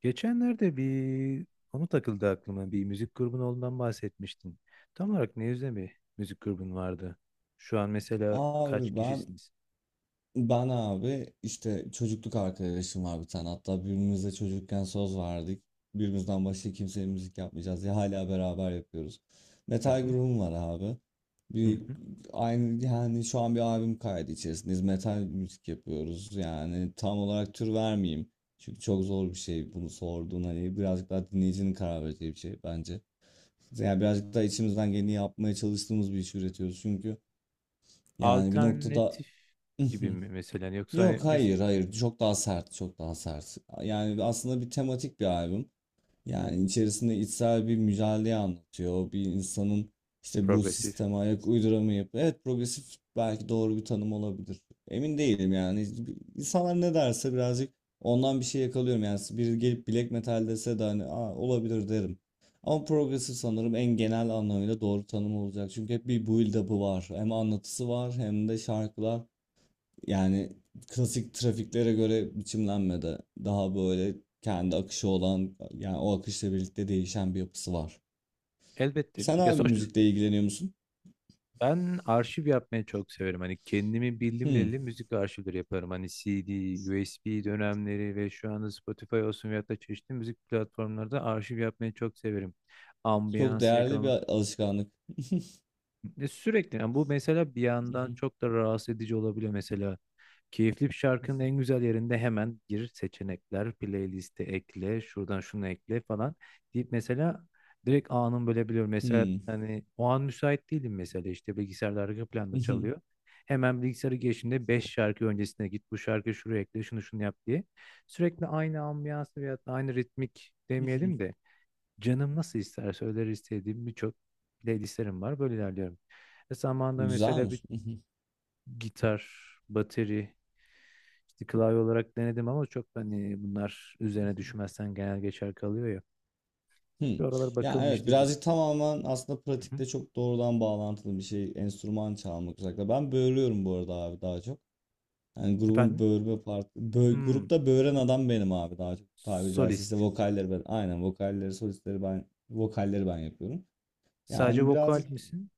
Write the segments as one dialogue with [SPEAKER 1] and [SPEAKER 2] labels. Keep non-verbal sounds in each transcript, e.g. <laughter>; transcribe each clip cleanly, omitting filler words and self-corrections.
[SPEAKER 1] Geçenlerde bir onu takıldı aklıma. Bir müzik grubun olduğundan bahsetmiştin. Tam olarak ne yüzde bir müzik grubun vardı? Şu an mesela kaç
[SPEAKER 2] Abi ben
[SPEAKER 1] kişisiniz?
[SPEAKER 2] ben abi işte çocukluk arkadaşım var bir tane. Hatta birbirimize çocukken söz verdik. Birbirimizden başka kimseye müzik yapmayacağız diye hala beraber yapıyoruz.
[SPEAKER 1] Hı
[SPEAKER 2] Metal
[SPEAKER 1] hı,
[SPEAKER 2] grubum var abi.
[SPEAKER 1] hı
[SPEAKER 2] Bir
[SPEAKER 1] hı.
[SPEAKER 2] aynı yani şu an bir albüm kaydı içerisindeyiz. Metal müzik yapıyoruz. Yani tam olarak tür vermeyeyim. Çünkü çok zor bir şey bunu sorduğun, hani birazcık daha dinleyicinin karar vereceği bir şey bence. Yani birazcık daha içimizden geleni yapmaya çalıştığımız bir iş üretiyoruz çünkü yani bir noktada
[SPEAKER 1] Alternatif gibi
[SPEAKER 2] <laughs>
[SPEAKER 1] mi mesela? Yoksa hani
[SPEAKER 2] Yok,
[SPEAKER 1] mes
[SPEAKER 2] hayır hayır, çok daha sert, çok daha sert. Yani aslında bir tematik bir albüm. Yani içerisinde içsel bir mücadeleyi anlatıyor. Bir insanın işte bu
[SPEAKER 1] progresif?
[SPEAKER 2] sisteme ayak uyduramayıp, evet, progresif belki doğru bir tanım olabilir. Emin değilim yani. İnsanlar ne derse birazcık ondan bir şey yakalıyorum. Yani biri gelip black metal dese de hani, aa, olabilir derim. Ama progresif sanırım en genel anlamıyla doğru tanım olacak. Çünkü hep bir build up'ı var. Hem anlatısı var hem de şarkılar. Yani klasik trafiklere göre biçimlenmedi. Daha böyle
[SPEAKER 1] Hı
[SPEAKER 2] kendi
[SPEAKER 1] hı.
[SPEAKER 2] akışı olan, yani o akışla birlikte değişen bir yapısı var.
[SPEAKER 1] Elbette.
[SPEAKER 2] Sen
[SPEAKER 1] Ya
[SPEAKER 2] abi
[SPEAKER 1] sonuçta
[SPEAKER 2] müzikle ilgileniyor musun?
[SPEAKER 1] ben arşiv yapmayı çok severim. Hani kendimi bildim
[SPEAKER 2] Hmm,
[SPEAKER 1] bileli müzik arşivleri yaparım. Hani CD, USB dönemleri ve şu anda Spotify olsun veyahut da çeşitli müzik platformlarda arşiv yapmayı çok severim,
[SPEAKER 2] çok
[SPEAKER 1] ambiyansı
[SPEAKER 2] değerli bir
[SPEAKER 1] yakalamak.
[SPEAKER 2] alışkanlık.
[SPEAKER 1] Sürekli yani bu mesela bir yandan
[SPEAKER 2] <laughs>
[SPEAKER 1] çok da rahatsız edici olabiliyor mesela. Keyifli bir şarkının en güzel yerinde hemen gir seçenekler, playliste ekle, şuradan şunu ekle falan deyip mesela direkt anın bölebiliyorum. Mesela
[SPEAKER 2] Hmm.
[SPEAKER 1] hani o an müsait değilim, mesela işte bilgisayarda arka planda
[SPEAKER 2] <laughs>
[SPEAKER 1] çalıyor. Hemen bilgisayarı geçtiğinde 5 şarkı öncesine git, bu şarkıyı şuraya ekle, şunu şunu yap diye. Sürekli aynı ambiyansı veya da aynı ritmik demeyelim de canım nasıl isterse öyle istediğim birçok playlistlerim var. Böyle ilerliyorum. E
[SPEAKER 2] Bu
[SPEAKER 1] zamanında mesela bir
[SPEAKER 2] güzelmiş. <laughs>
[SPEAKER 1] gitar, bateri, işte klavye olarak denedim ama çok hani bunlar üzerine düşmezsen genel geçer kalıyor ya.
[SPEAKER 2] Hmm.
[SPEAKER 1] Şu aralar
[SPEAKER 2] Ya
[SPEAKER 1] bakalım
[SPEAKER 2] evet,
[SPEAKER 1] işte bir.
[SPEAKER 2] birazcık tamamen aslında
[SPEAKER 1] Hı hı.
[SPEAKER 2] pratikte çok doğrudan bağlantılı bir şey enstrüman çalmak özellikle. Ben böğürüyorum bu arada abi, daha çok. Yani grubun
[SPEAKER 1] Efendim?
[SPEAKER 2] böğürme parti.
[SPEAKER 1] Hmm,
[SPEAKER 2] Grupta böğüren adam benim abi, daha çok tabiri caizse.
[SPEAKER 1] solist.
[SPEAKER 2] İşte vokalleri ben. Aynen, vokalleri, solistleri ben, vokalleri ben yapıyorum.
[SPEAKER 1] Sadece
[SPEAKER 2] Yani
[SPEAKER 1] vokal
[SPEAKER 2] birazcık,
[SPEAKER 1] misin?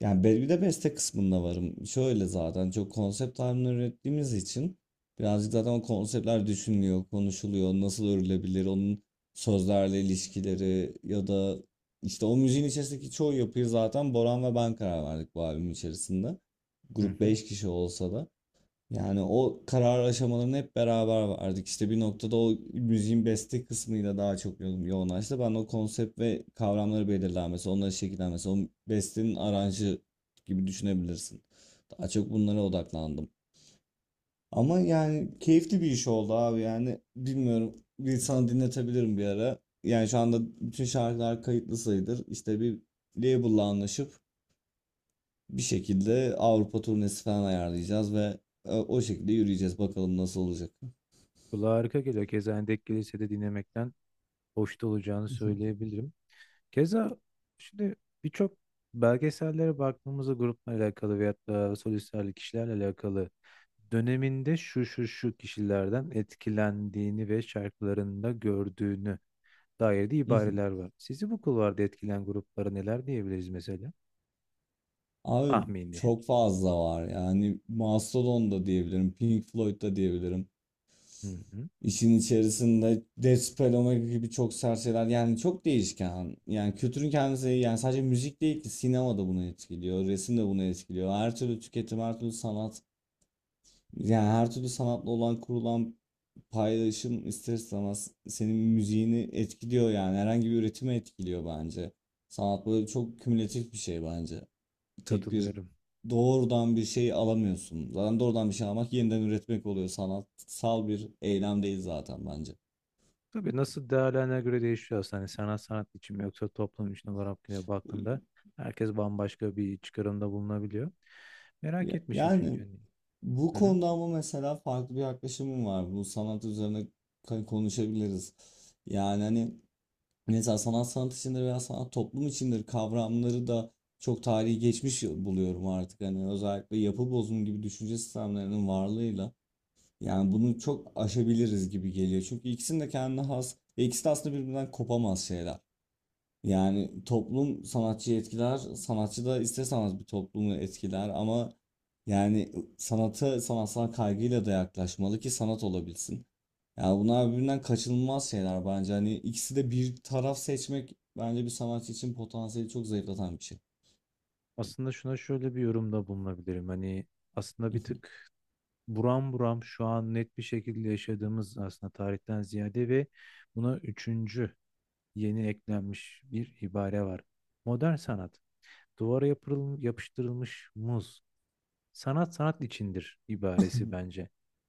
[SPEAKER 2] yani bir de beste kısmında varım. Şöyle, zaten çok konsept halinde ürettiğimiz için birazcık zaten o konseptler düşünülüyor, konuşuluyor. Nasıl örülebilir onun sözlerle ilişkileri ya da işte o müziğin içerisindeki çoğu yapıyı zaten Boran ve ben karar verdik bu albüm içerisinde.
[SPEAKER 1] Hı
[SPEAKER 2] Grup
[SPEAKER 1] hı.
[SPEAKER 2] 5 kişi olsa da. Yani o karar aşamalarını hep beraber verdik. İşte bir noktada o müziğin beste kısmıyla daha çok yoğunlaştı. Ben o konsept ve kavramları belirlenmesi, onları şekillenmesi, o bestenin aranjı gibi düşünebilirsin. Daha çok bunlara odaklandım. Ama yani keyifli bir iş oldu abi, yani bilmiyorum, bir sana dinletebilirim bir ara. Yani şu anda bütün şarkılar kayıtlı sayılır. İşte bir label'la anlaşıp bir şekilde Avrupa turnesi falan ayarlayacağız ve o şekilde yürüyeceğiz. Bakalım nasıl olacak.
[SPEAKER 1] Kulağa harika geliyor. Keza Endek Kilise'de dinlemekten hoşta olacağını
[SPEAKER 2] <laughs>
[SPEAKER 1] söyleyebilirim. Keza şimdi birçok belgesellere baktığımızda grupla alakalı veyahut da solistlerle kişilerle alakalı döneminde şu şu şu kişilerden etkilendiğini ve şarkılarında gördüğünü dair de ibareler var. Sizi bu kulvarda etkilen gruplara neler diyebiliriz mesela?
[SPEAKER 2] Abi
[SPEAKER 1] Tahmini.
[SPEAKER 2] çok fazla var, yani Mastodon da diyebilirim, Pink Floyd da diyebilirim.
[SPEAKER 1] Hı hı.
[SPEAKER 2] İşin içerisinde Death Speloma gibi çok sert şeyler, yani çok değişken. Yani kültürün kendisi, yani sadece müzik değil ki, sinema da bunu etkiliyor, resim de bunu etkiliyor. Her türlü tüketim, her türlü sanat, yani her türlü sanatla olan kurulan paylaşım ister istemez senin müziğini etkiliyor, yani herhangi bir üretimi etkiliyor bence. Sanat böyle çok kümülatif bir şey bence. Tek bir
[SPEAKER 1] Katılıyorum.
[SPEAKER 2] doğrudan bir şey alamıyorsun. Zaten doğrudan bir şey almak yeniden üretmek oluyor. Sanatsal bir eylem değil zaten bence.
[SPEAKER 1] Tabii nasıl değerlerine göre değişiyor aslında. Hani sanat sanat için mi yoksa toplum için olarak yine baktığında herkes bambaşka bir çıkarımda bulunabiliyor. Merak etmişim çünkü.
[SPEAKER 2] Yani
[SPEAKER 1] Hani.
[SPEAKER 2] bu
[SPEAKER 1] Hı hı.
[SPEAKER 2] konuda ama mesela farklı bir yaklaşımım var. Bu sanat üzerine konuşabiliriz. Yani hani mesela sanat sanat içindir veya sanat toplum içindir kavramları da çok tarihi geçmiş buluyorum artık. Hani özellikle yapı bozumu gibi düşünce sistemlerinin varlığıyla. Yani bunu çok aşabiliriz gibi geliyor. Çünkü ikisinin de kendine has ve ikisi de aslında birbirinden kopamaz şeyler. Yani toplum sanatçıyı etkiler, sanatçı da ister sanat bir toplumu etkiler ama yani sanata sanatsal kaygıyla da yaklaşmalı ki sanat olabilsin. Yani bunlar birbirinden kaçınılmaz şeyler bence. Hani ikisi de, bir taraf seçmek bence bir sanatçı için potansiyeli çok zayıflatan bir şey.
[SPEAKER 1] Aslında şuna şöyle bir yorumda bulunabilirim. Hani aslında bir tık buram buram şu an net bir şekilde yaşadığımız aslında tarihten ziyade ve buna üçüncü yeni eklenmiş bir ibare var. Modern sanat, duvara yapıştırılmış muz. Sanat sanat içindir ibaresi bence.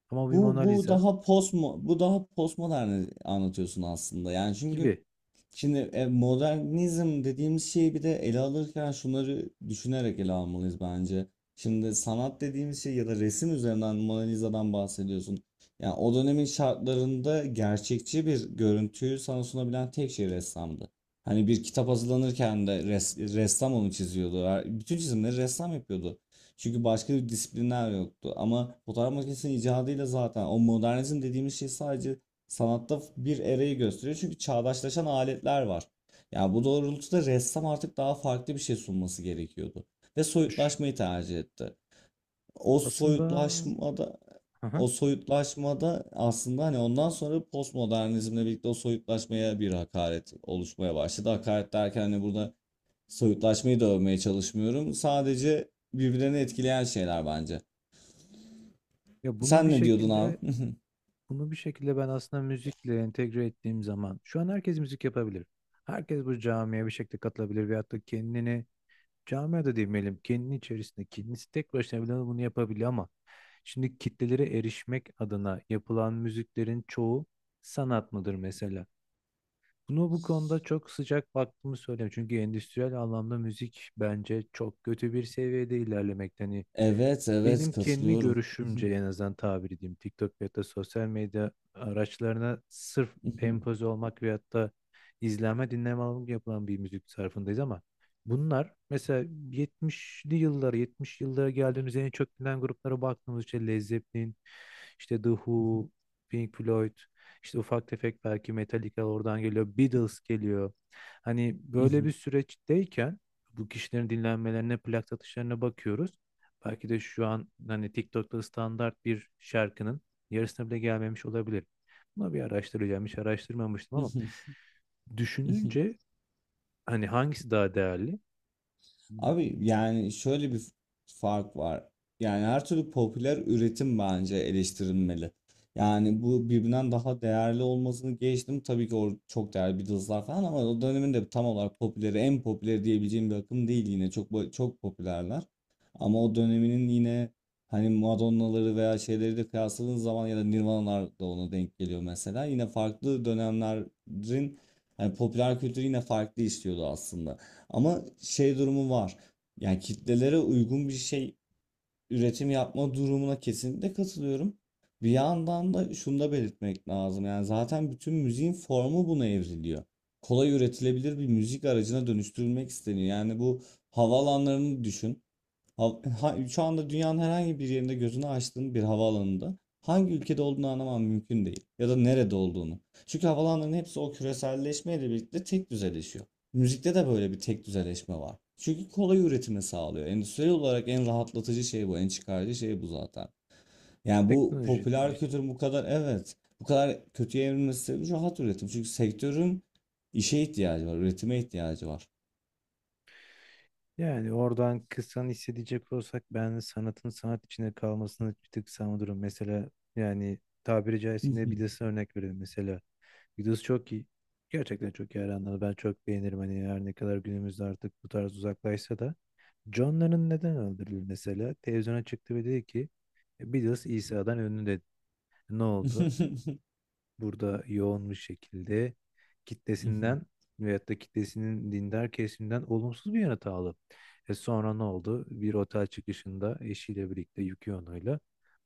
[SPEAKER 1] Ama bir Mona
[SPEAKER 2] Bu
[SPEAKER 1] Lisa
[SPEAKER 2] daha post, daha postmodern anlatıyorsun aslında. Yani çünkü
[SPEAKER 1] gibi.
[SPEAKER 2] şimdi modernizm dediğimiz şeyi bir de ele alırken şunları düşünerek ele almalıyız bence. Şimdi sanat dediğimiz şey ya da resim üzerinden Mona Lisa'dan bahsediyorsun. Yani o dönemin şartlarında gerçekçi bir görüntüyü sana sunabilen tek şey ressamdı. Hani bir kitap hazırlanırken de ressam onu çiziyordu. Bütün çizimleri ressam yapıyordu. Çünkü başka bir disiplinler yoktu. Ama fotoğraf makinesinin icadıyla zaten o modernizm dediğimiz şey sadece sanatta bir erayı gösteriyor çünkü çağdaşlaşan aletler var. Yani bu doğrultuda ressam artık daha farklı bir şey sunması gerekiyordu ve
[SPEAKER 1] Ş-
[SPEAKER 2] soyutlaşmayı tercih etti. O
[SPEAKER 1] aslında.
[SPEAKER 2] soyutlaşmada
[SPEAKER 1] Hı hı.
[SPEAKER 2] o soyutlaşmada aslında hani ondan sonra postmodernizmle birlikte o soyutlaşmaya bir hakaret oluşmaya başladı. Hakaret derken hani burada soyutlaşmayı da övmeye çalışmıyorum. Sadece birbirini etkileyen şeyler bence.
[SPEAKER 1] Ya bunu bir
[SPEAKER 2] Sen ne diyordun abi?
[SPEAKER 1] şekilde,
[SPEAKER 2] <laughs>
[SPEAKER 1] bunu bir şekilde ben aslında müzikle entegre ettiğim zaman şu an herkes müzik yapabilir. Herkes bu camiye bir şekilde katılabilir veyahut da kendini, camiye de demeyelim, kendini içerisinde kendisi tek başına bile bunu yapabiliyor ama şimdi kitlelere erişmek adına yapılan müziklerin çoğu sanat mıdır mesela? Bunu, bu konuda çok sıcak baktığımı söyleyeyim. Çünkü endüstriyel anlamda müzik bence çok kötü bir seviyede ilerlemekte. Hani
[SPEAKER 2] Evet, evet
[SPEAKER 1] benim kendi
[SPEAKER 2] katılıyorum.
[SPEAKER 1] görüşümce en azından tabir edeyim. TikTok veyahut da sosyal medya araçlarına sırf empoze olmak veyahut da izlenme dinleme alımı yapılan bir müzik sarfındayız ama bunlar mesela 70'li yıllara, 70 yıllara geldiğimiz en çok bilinen gruplara baktığımız işte Led Zeppelin, işte The Who, Pink Floyd, işte ufak tefek belki Metallica oradan geliyor, Beatles geliyor. Hani böyle bir
[SPEAKER 2] <laughs>
[SPEAKER 1] süreçteyken bu kişilerin dinlenmelerine, plak satışlarına bakıyoruz. Belki de şu an hani TikTok'ta standart bir şarkının yarısına bile gelmemiş olabilir. Buna bir araştıracağım. Hiç araştırmamıştım ama
[SPEAKER 2] <laughs>
[SPEAKER 1] düşününce hani hangisi daha değerli?
[SPEAKER 2] Abi yani şöyle bir fark var. Yani her türlü popüler üretim bence eleştirilmeli. Yani bu birbirinden daha değerli olmasını geçtim. Tabii ki o çok değerli Beatles'lar falan, ama o dönemin de tam olarak popüleri, en popüleri diyebileceğim bir akım değil yine. Çok popülerler. Ama o döneminin yine hani Madonna'ları veya şeyleri de kıyasladığın zaman ya da Nirvana'lar da ona denk geliyor mesela. Yine farklı dönemlerin hani popüler kültürü yine farklı işliyordu aslında. Ama şey durumu var. Yani kitlelere uygun bir şey üretim yapma durumuna kesinlikle katılıyorum. Bir yandan da şunu da belirtmek lazım. Yani zaten bütün müziğin formu buna evriliyor. Kolay üretilebilir bir müzik aracına dönüştürülmek isteniyor. Yani bu havaalanlarını düşün, şu anda dünyanın herhangi bir yerinde gözünü açtığın bir havaalanında hangi ülkede olduğunu anlaman mümkün değil. Ya da nerede olduğunu. Çünkü havalanların hepsi o küreselleşmeyle birlikte tek düzeleşiyor. Müzikte de böyle bir tek düzeleşme var. Çünkü kolay üretimi sağlıyor. Endüstriyel olarak en rahatlatıcı şey bu, en çıkarcı şey bu zaten. Yani bu
[SPEAKER 1] Teknoloji
[SPEAKER 2] popüler
[SPEAKER 1] işte.
[SPEAKER 2] kültür bu kadar, evet, bu kadar kötüye evrilmesi sebebi rahat üretim. Çünkü sektörün işe ihtiyacı var, üretime ihtiyacı var.
[SPEAKER 1] Yani oradan kısan hissedecek olsak ben sanatın sanat içinde kalmasını bir tık savunurum. Mesela yani tabiri caizse yine Beatles'a örnek verelim mesela. Beatles çok iyi. Gerçekten çok iyi hayranları. Ben çok beğenirim. Hani her ne kadar günümüzde artık bu tarz uzaklaşsa da John Lennon neden öldürüldü mesela? Televizyona çıktı ve dedi ki Beatles İsa'dan ünlü" dedi. Ne oldu? Burada yoğun bir şekilde kitlesinden veyahut da kitlesinin dindar kesimden olumsuz bir yanıt aldı. E sonra ne oldu? Bir otel çıkışında eşiyle birlikte Yoko Ono'yla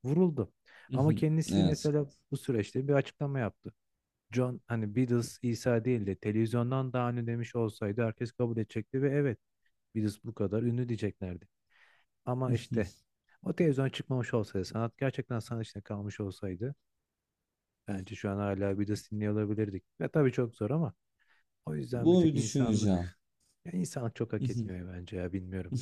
[SPEAKER 1] vuruldu.
[SPEAKER 2] <laughs>
[SPEAKER 1] Ama kendisi
[SPEAKER 2] Evet.
[SPEAKER 1] mesela bu süreçte bir açıklama yaptı. John hani Beatles İsa değil de televizyondan daha ünlü demiş olsaydı herkes kabul edecekti ve evet Beatles bu kadar ünlü diyeceklerdi. Ama işte
[SPEAKER 2] <laughs>
[SPEAKER 1] o televizyon çıkmamış olsaydı, sanat gerçekten sanat içinde kalmış olsaydı bence şu an hala bir de dinliyor olabilirdik. Ve tabii çok zor ama o yüzden bir
[SPEAKER 2] Bunu
[SPEAKER 1] tek
[SPEAKER 2] bir düşüneceğim.
[SPEAKER 1] insanlık, ya insanlık çok hak
[SPEAKER 2] <laughs>
[SPEAKER 1] etmiyor bence ya, bilmiyorum.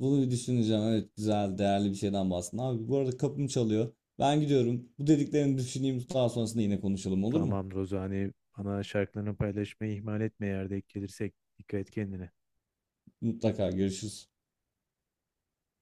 [SPEAKER 2] Bunu bir düşüneceğim. Evet, güzel, değerli bir şeyden bahsettin. Abi bu arada kapım çalıyor. Ben gidiyorum. Bu dediklerini düşüneyim. Daha sonrasında yine konuşalım, olur mu?
[SPEAKER 1] Tamam Rozani, bana şarkılarını paylaşmayı ihmal etme, yerde gelirsek dikkat et kendine.
[SPEAKER 2] Mutlaka görüşürüz.